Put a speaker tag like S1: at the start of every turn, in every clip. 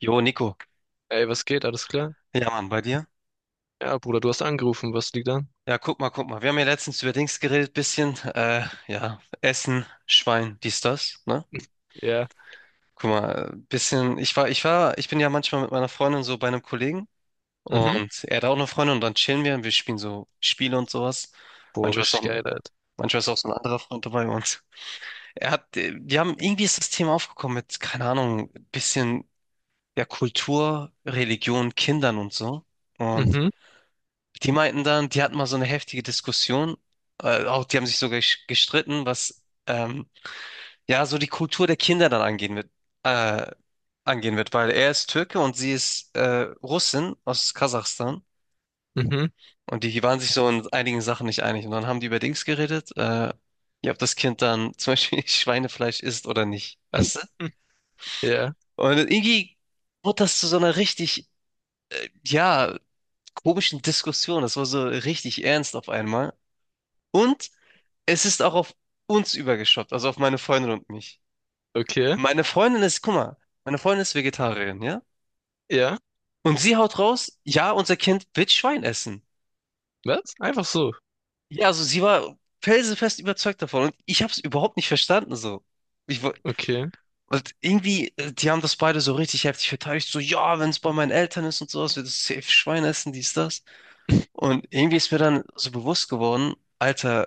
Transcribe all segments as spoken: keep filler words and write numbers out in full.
S1: Jo, Nico.
S2: Ey, was geht? Alles klar?
S1: Ja, Mann, bei dir?
S2: Ja, Bruder, du hast angerufen. Was liegt an?
S1: Ja, guck mal, guck mal. Wir haben ja letztens über Dings geredet, bisschen, äh, ja, Essen, Schwein, dies, das, ne?
S2: Ja.
S1: Guck mal, äh, bisschen, ich war, ich war, ich bin ja manchmal mit meiner Freundin so bei einem Kollegen,
S2: Mhm.
S1: und er hat auch eine Freundin und dann chillen wir und wir spielen so Spiele und sowas.
S2: Boah,
S1: Manchmal ist auch,
S2: richtig geil, Alter.
S1: manchmal ist auch so ein anderer Freund dabei, und er hat, äh, wir haben, irgendwie ist das Thema aufgekommen mit, keine Ahnung, bisschen, ja, Kultur, Religion, Kindern und so. Und
S2: Mhm.
S1: die meinten dann, die hatten mal so eine heftige Diskussion. Äh, auch die haben sich sogar gesch- gestritten, was ähm, ja so die Kultur der Kinder dann angehen wird, äh, angehen wird, weil er ist Türke und sie ist äh, Russin aus Kasachstan,
S2: Mhm.
S1: und die waren sich so in einigen Sachen nicht einig. Und dann haben die über Dings geredet, äh, ja, ob das Kind dann zum Beispiel Schweinefleisch isst oder nicht, weißt du?
S2: Hm. Ja.
S1: Und irgendwie wurde das zu so einer richtig, ja, komischen Diskussion. Das war so richtig ernst auf einmal. Und es ist auch auf uns übergeschwappt, also auf meine Freundin und mich.
S2: Okay.
S1: Meine Freundin ist, guck mal, Meine Freundin ist Vegetarierin, ja?
S2: Ja.
S1: Und sie haut raus, ja, unser Kind wird Schwein essen.
S2: Was? Einfach so.
S1: Ja, also sie war felsenfest überzeugt davon und ich habe es überhaupt nicht verstanden so. Ich, wo-
S2: Okay.
S1: und irgendwie, äh, die haben das beide so richtig heftig verteidigt, so, ja, wenn es bei meinen Eltern ist und sowas, wird es safe Schwein essen, dies, das. Und irgendwie ist mir dann so bewusst geworden, Alter,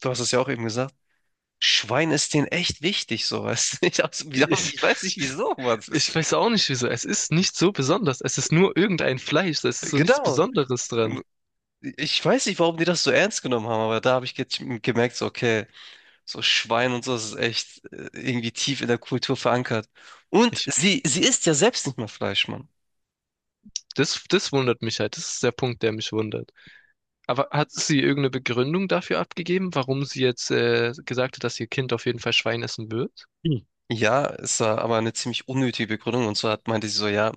S1: du hast es ja auch eben gesagt, Schwein ist denen echt wichtig, sowas. Ich, hab's-
S2: Ich,
S1: ich weiß nicht wieso, Mann. Das
S2: ich
S1: ist,
S2: weiß auch nicht wieso. Es ist nicht so besonders. Es ist nur irgendein Fleisch. Es ist so nichts
S1: genau.
S2: Besonderes dran.
S1: Ich weiß nicht, warum die das so ernst genommen haben, aber da habe ich ge gemerkt, so, okay, so Schwein und so, das ist echt äh, irgendwie tief in der Kultur verankert. Und
S2: Ich,
S1: sie, sie isst ja selbst nicht mehr Fleisch, Mann.
S2: das, das wundert mich halt. Das ist der Punkt, der mich wundert. Aber hat sie irgendeine Begründung dafür abgegeben, warum sie jetzt äh, gesagt hat, dass ihr Kind auf jeden Fall Schwein essen wird?
S1: Hm. Ja, es war aber eine ziemlich unnötige Begründung. Und zwar hat- meinte sie so, ja,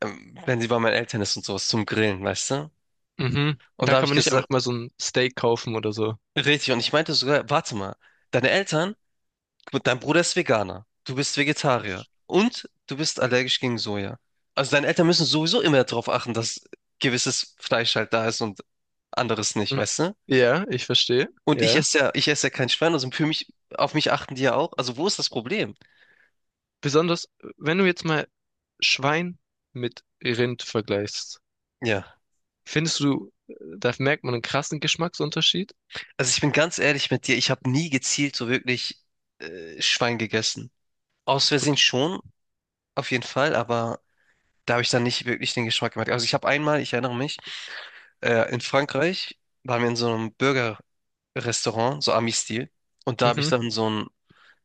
S1: ähm, wenn sie bei meinen Eltern ist und sowas zum Grillen, weißt du?
S2: Mhm. Und
S1: Und
S2: da
S1: da habe
S2: kann
S1: ich
S2: man nicht
S1: gesagt,
S2: einfach mal so ein Steak kaufen oder so.
S1: richtig. Und ich meinte sogar, warte mal, deine Eltern, gut, dein Bruder ist Veganer, du bist Vegetarier und du bist allergisch gegen Soja. Also deine Eltern müssen sowieso immer darauf achten, dass gewisses Fleisch halt da ist und anderes nicht,
S2: Mm,
S1: weißt du?
S2: ja, ich verstehe.
S1: Und ich
S2: Ja.
S1: esse ja, ich esse ja kein Schwein, also für mich, auf mich achten die ja auch. Also wo ist das Problem?
S2: Besonders, wenn du jetzt mal Schwein mit Rind vergleichst,
S1: Ja.
S2: findest du, äh, da merkt man einen krassen Geschmacksunterschied?
S1: Also ich bin ganz ehrlich mit dir, ich habe nie gezielt so wirklich äh, Schwein gegessen. Aus Versehen schon, auf jeden Fall, aber da habe ich dann nicht wirklich den Geschmack gemerkt. Also ich habe einmal, ich erinnere mich, Äh, in Frankreich waren wir in so einem Burger-Restaurant, so Ami-Stil. Und da habe ich
S2: Mhm.
S1: dann so einen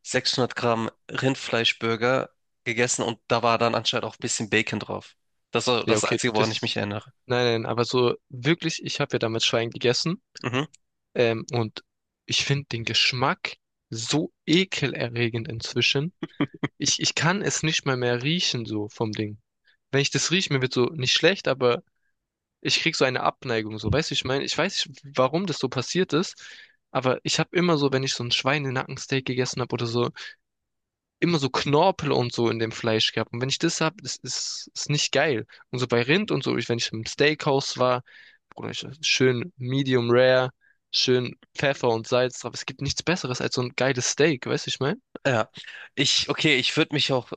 S1: sechshundert Gramm Rindfleischburger gegessen und da war dann anscheinend auch ein bisschen Bacon drauf. Das war
S2: Ja,
S1: das
S2: okay,
S1: Einzige, woran ich mich
S2: das.
S1: erinnere.
S2: Nein, nein, aber so wirklich, ich habe ja damals Schwein gegessen.
S1: Mhm,
S2: Ähm, und ich finde den Geschmack so ekelerregend inzwischen. Ich, ich kann es nicht mal mehr riechen, so vom Ding. Wenn ich das rieche, mir wird so nicht schlecht, aber. Ich krieg so eine Abneigung, so, weißt du, ich meine, ich weiß nicht, warum das so passiert ist, aber ich habe immer so, wenn ich so ein Schweinenackensteak gegessen habe oder so, immer so Knorpel und so in dem Fleisch gehabt. Und wenn ich das hab, das ist, ist nicht geil. Und so bei Rind und so, ich, wenn ich im Steakhouse war, Bruder, ich, schön Medium Rare, schön Pfeffer und Salz drauf. Es gibt nichts Besseres als so ein geiles Steak, weißt du, ich meine?
S1: ja. Ich, okay, ich würde mich auch,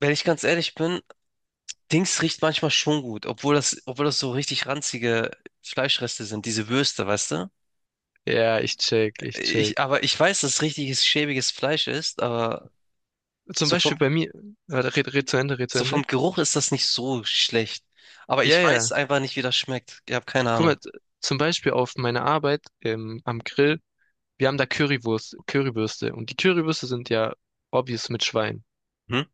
S1: wenn ich ganz ehrlich bin, Dings riecht manchmal schon gut, obwohl das, obwohl das so richtig ranzige Fleischreste sind, diese Würste, weißt du?
S2: Ja, ich check, ich check.
S1: Ich, aber ich weiß, dass richtiges schäbiges Fleisch ist, aber
S2: Zum
S1: so vom
S2: Beispiel bei mir, warte, red, red zu Ende, red zu
S1: so
S2: Ende.
S1: vom Geruch ist das nicht so schlecht. Aber
S2: Ja,
S1: ich
S2: ja.
S1: weiß einfach nicht, wie das schmeckt. Ich habe keine
S2: Guck
S1: Ahnung.
S2: mal, z- zum Beispiel auf meiner Arbeit ähm, am Grill, wir haben da Currywurst, Currywürste und die Currywürste sind ja obvious mit Schwein.
S1: Hm?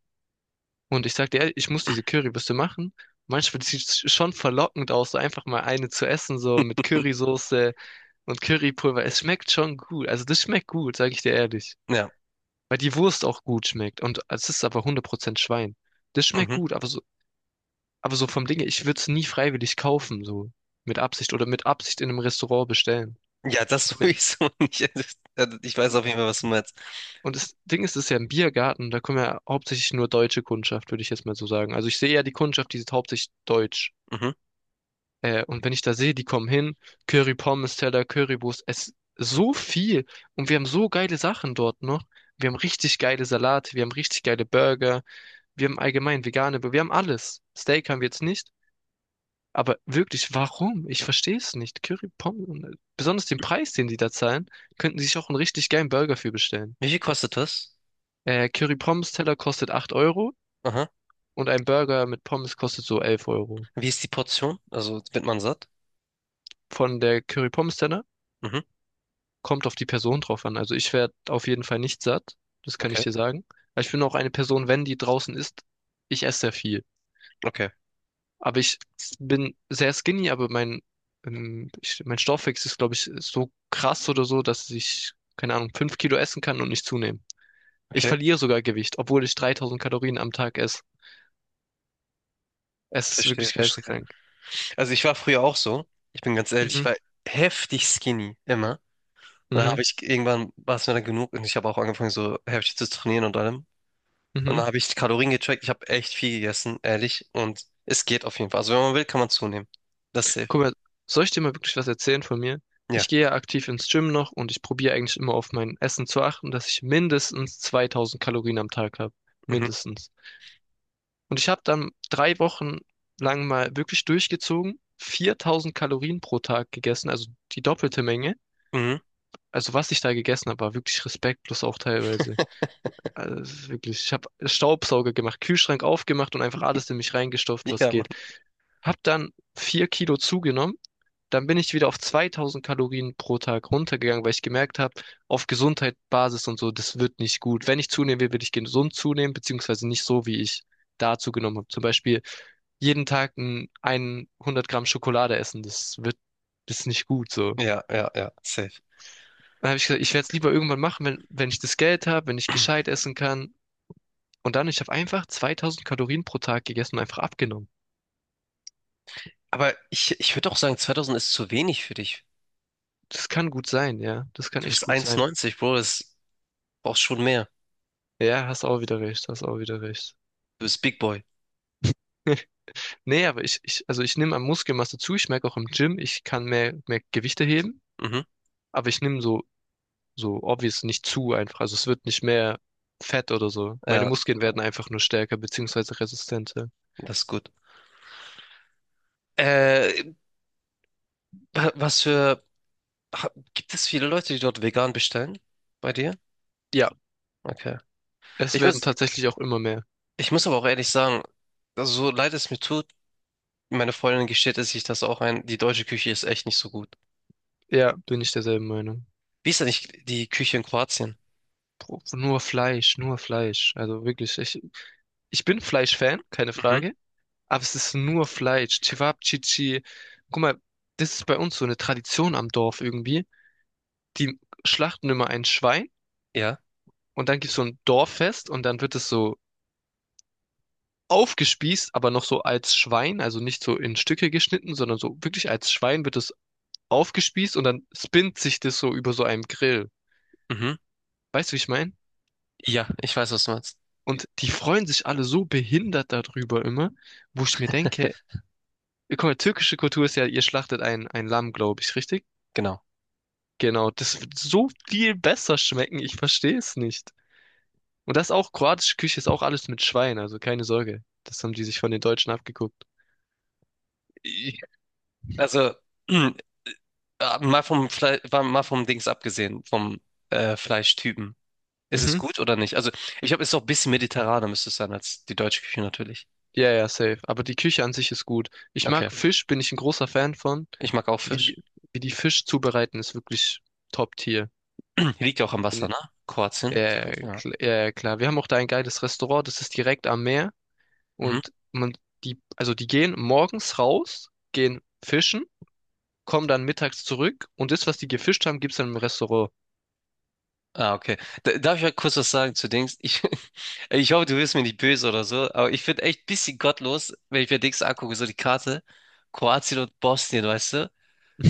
S2: Und ich sagte, ehrlich, ich muss diese Currywürste machen. Manchmal sieht es schon verlockend aus, so einfach mal eine zu essen, so mit Currysoße und Currypulver. Es schmeckt schon gut. Also das schmeckt gut, sage ich dir ehrlich.
S1: Ja.
S2: Weil die Wurst auch gut schmeckt. Und es ist aber hundert Prozent Schwein. Das schmeckt
S1: Mhm.
S2: gut, aber so, aber so vom Ding her, ich würde es nie freiwillig kaufen, so mit Absicht oder mit Absicht in einem Restaurant bestellen.
S1: Ja, das sowieso nicht. Also, ich weiß auf jeden Fall, was du meinst.
S2: Und das Ding ist, es ist ja ein Biergarten, da kommen ja hauptsächlich nur deutsche Kundschaft, würde ich jetzt mal so sagen. Also ich sehe ja die Kundschaft, die ist hauptsächlich deutsch.
S1: Mhm.
S2: Äh, und wenn ich da sehe, die kommen hin, Curry Pommes Teller, Currywurst, es so viel. Und wir haben so geile Sachen dort noch. Wir haben richtig geile Salate, wir haben richtig geile Burger, wir haben allgemein vegane, wir haben alles. Steak haben wir jetzt nicht. Aber wirklich, warum? Ich verstehe es nicht. Curry Pommes, besonders den Preis, den die da zahlen, könnten sie sich auch einen richtig geilen Burger für bestellen.
S1: Wie viel kostet das?
S2: Äh, Curry Pommes Teller kostet acht Euro.
S1: Aha.
S2: Und ein Burger mit Pommes kostet so elf Euro.
S1: Wie ist die Portion? Also wird man satt?
S2: Von der Curry Pommes Tenne
S1: Mhm.
S2: kommt auf die Person drauf an. Also ich werde auf jeden Fall nicht satt, das kann ich
S1: Okay.
S2: dir sagen. Aber ich bin auch eine Person, wenn die draußen ist, ich esse sehr viel.
S1: Okay.
S2: Aber ich bin sehr skinny, aber mein, ähm, ich, mein Stoffwechsel ist, glaube ich, so krass oder so, dass ich, keine Ahnung, fünf Kilo essen kann und nicht zunehmen. Ich
S1: Okay.
S2: verliere sogar Gewicht, obwohl ich dreitausend Kalorien am Tag esse. Es ist
S1: Verstehe,
S2: wirklich
S1: verstehe.
S2: geisteskrank.
S1: Also ich war früher auch so. Ich bin ganz ehrlich, ich
S2: Mhm,
S1: war heftig skinny, immer. Dann
S2: mhm,
S1: habe ich irgendwann, war es mir dann genug, und ich habe auch angefangen, so heftig zu trainieren und allem. Und
S2: mhm.
S1: dann habe ich die Kalorien gecheckt. Ich habe echt viel gegessen, ehrlich. Und es geht auf jeden Fall. Also wenn man will, kann man zunehmen. Das ist safe.
S2: Guck mal, soll ich dir mal wirklich was erzählen von mir? Ich
S1: Ja.
S2: gehe ja aktiv ins Gym noch und ich probiere eigentlich immer auf mein Essen zu achten, dass ich mindestens zweitausend Kalorien am Tag habe.
S1: Mhm.
S2: Mindestens. Und ich habe dann drei Wochen lang mal wirklich durchgezogen, viertausend Kalorien pro Tag gegessen, also die doppelte Menge.
S1: Mhm.
S2: Also was ich da gegessen habe, war wirklich respektlos auch teilweise. Also es ist wirklich, ich habe Staubsauger gemacht, Kühlschrank aufgemacht und einfach alles in mich reingestopft, was
S1: Ja, Mann.
S2: geht. Hab dann vier Kilo zugenommen. Dann bin ich wieder auf zweitausend Kalorien pro Tag runtergegangen, weil ich gemerkt habe, auf Gesundheit, Basis und so, das wird nicht gut. Wenn ich zunehmen will, will ich gesund zunehmen, beziehungsweise nicht so, wie ich da zugenommen habe. Zum Beispiel jeden Tag ein, ein hundert Gramm Schokolade essen, das wird, das ist nicht gut so.
S1: Ja, ja, ja, safe.
S2: Dann habe ich gesagt, ich werde es lieber irgendwann machen, wenn, wenn ich das Geld habe, wenn ich gescheit essen kann. Und dann, ich habe einfach zweitausend Kalorien pro Tag gegessen und einfach abgenommen.
S1: Aber ich, ich würde auch sagen, zweitausend ist zu wenig für dich.
S2: Das kann gut sein, ja. Das kann
S1: Du
S2: echt
S1: bist
S2: gut sein.
S1: ein Meter neunzig, Bro. Das brauchst schon mehr.
S2: Ja, hast auch wieder recht, hast auch wieder recht.
S1: Du bist Big Boy.
S2: Nee, aber ich, ich, also ich nehme an Muskelmasse zu. Ich merke auch im Gym, ich kann mehr, mehr Gewichte heben,
S1: Mhm.
S2: aber ich nehme so, so obvious nicht zu einfach. Also es wird nicht mehr fett oder so. Meine
S1: Ja,
S2: Muskeln werden einfach nur stärker beziehungsweise resistenter.
S1: das ist gut. Äh, wa- Was für... ha- Gibt es viele Leute, die dort vegan bestellen? Bei dir?
S2: Ja,
S1: Okay.
S2: es
S1: Ich
S2: werden
S1: muss,
S2: tatsächlich auch immer mehr.
S1: ich muss aber auch ehrlich sagen, also so leid es mir tut, meine Freundin gesteht es sich das auch ein, die deutsche Küche ist echt nicht so gut.
S2: Ja, bin ich derselben Meinung.
S1: Wie ist denn nicht die Küche in Kroatien?
S2: Bro, nur Fleisch, nur Fleisch. Also wirklich, ich, ich bin Fleisch-Fan, keine
S1: Mhm.
S2: Frage, aber es ist nur Fleisch. Cevapcici. Guck mal, das ist bei uns so eine Tradition am Dorf irgendwie. Die schlachten immer ein Schwein.
S1: Ja.
S2: Und dann gibt's so ein Dorffest und dann wird es so aufgespießt, aber noch so als Schwein, also nicht so in Stücke geschnitten, sondern so wirklich als Schwein wird es aufgespießt und dann spinnt sich das so über so einem Grill.
S1: Mhm.
S2: Weißt du, wie ich meine?
S1: Ja, ich weiß, was du meinst.
S2: Und die freuen sich alle so behindert darüber immer, wo ich mir denke, guck mal, türkische Kultur ist ja, ihr schlachtet ein, ein Lamm, glaube ich, richtig?
S1: Genau.
S2: Genau, das wird so viel besser schmecken, ich verstehe es nicht. Und das auch, kroatische Küche ist auch alles mit Schwein, also keine Sorge. Das haben die sich von den Deutschen abgeguckt.
S1: Ich-. Also, äh, mal vom Fle war- mal vom Dings abgesehen, vom äh, Fleischtypen. Ist es
S2: Mhm.
S1: gut oder nicht? Also, ich glaube, es ist auch ein bisschen mediterraner, müsste es sein, als die deutsche Küche natürlich.
S2: Ja, ja, safe. Aber die Küche an sich ist gut. Ich
S1: Okay.
S2: mag Fisch, bin ich ein großer Fan von.
S1: Ich mag auch
S2: Wie die,
S1: Fisch.
S2: wie die Fisch zubereiten, ist wirklich Top-Tier.
S1: Liegt ja auch am
S2: Bin-
S1: Wasser, ne?
S2: Ja,
S1: Kroatien.
S2: ja, ja,
S1: Direkt, ja.
S2: kl- ja, ja, klar. Wir haben auch da ein geiles Restaurant, das ist direkt am Meer.
S1: Mhm.
S2: Und man, die, also die gehen morgens raus, gehen fischen, kommen dann mittags zurück und das, was die gefischt haben, gibt's dann im Restaurant.
S1: Ah, okay. Da- Darf ich mal kurz was sagen zu Dings? Ich, ich hoffe, du wirst mir nicht böse oder so, aber ich finde echt ein bisschen gottlos, wenn ich mir Dings angucke, so die Karte. Kroatien und Bosnien, weißt du?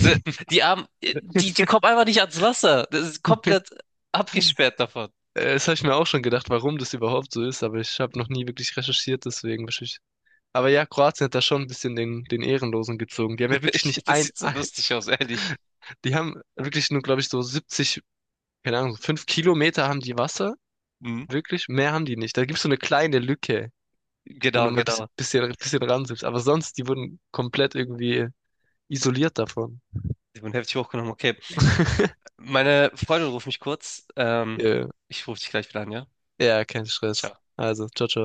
S1: So, die haben, die, die kommen einfach nicht ans Wasser. Das ist komplett abgesperrt davon.
S2: Äh, das habe ich mir auch schon gedacht, warum das überhaupt so ist, aber ich habe noch nie wirklich recherchiert, deswegen. Aber ja, Kroatien hat da schon ein bisschen den, den Ehrenlosen gezogen. Die haben ja wirklich
S1: Ich,
S2: nicht
S1: das
S2: ein,
S1: sieht so lustig aus, ehrlich.
S2: die haben wirklich nur, glaube ich, so siebzig, keine Ahnung, fünf Kilometer haben die Wasser.
S1: Mhm.
S2: Wirklich, mehr haben die nicht. Da gibt's so eine kleine Lücke, wenn du
S1: Genau,
S2: mal ein bisschen,
S1: genau.
S2: bisschen, bisschen ranzoomst. Aber sonst, die wurden komplett irgendwie isoliert davon.
S1: Ich bin heftig hochgenommen. Okay. Meine Freundin ruft mich kurz. Ähm,
S2: Ja,
S1: ich rufe dich gleich wieder an, ja?
S2: ja, kein Stress.
S1: Ciao.
S2: Also, ciao, ciao.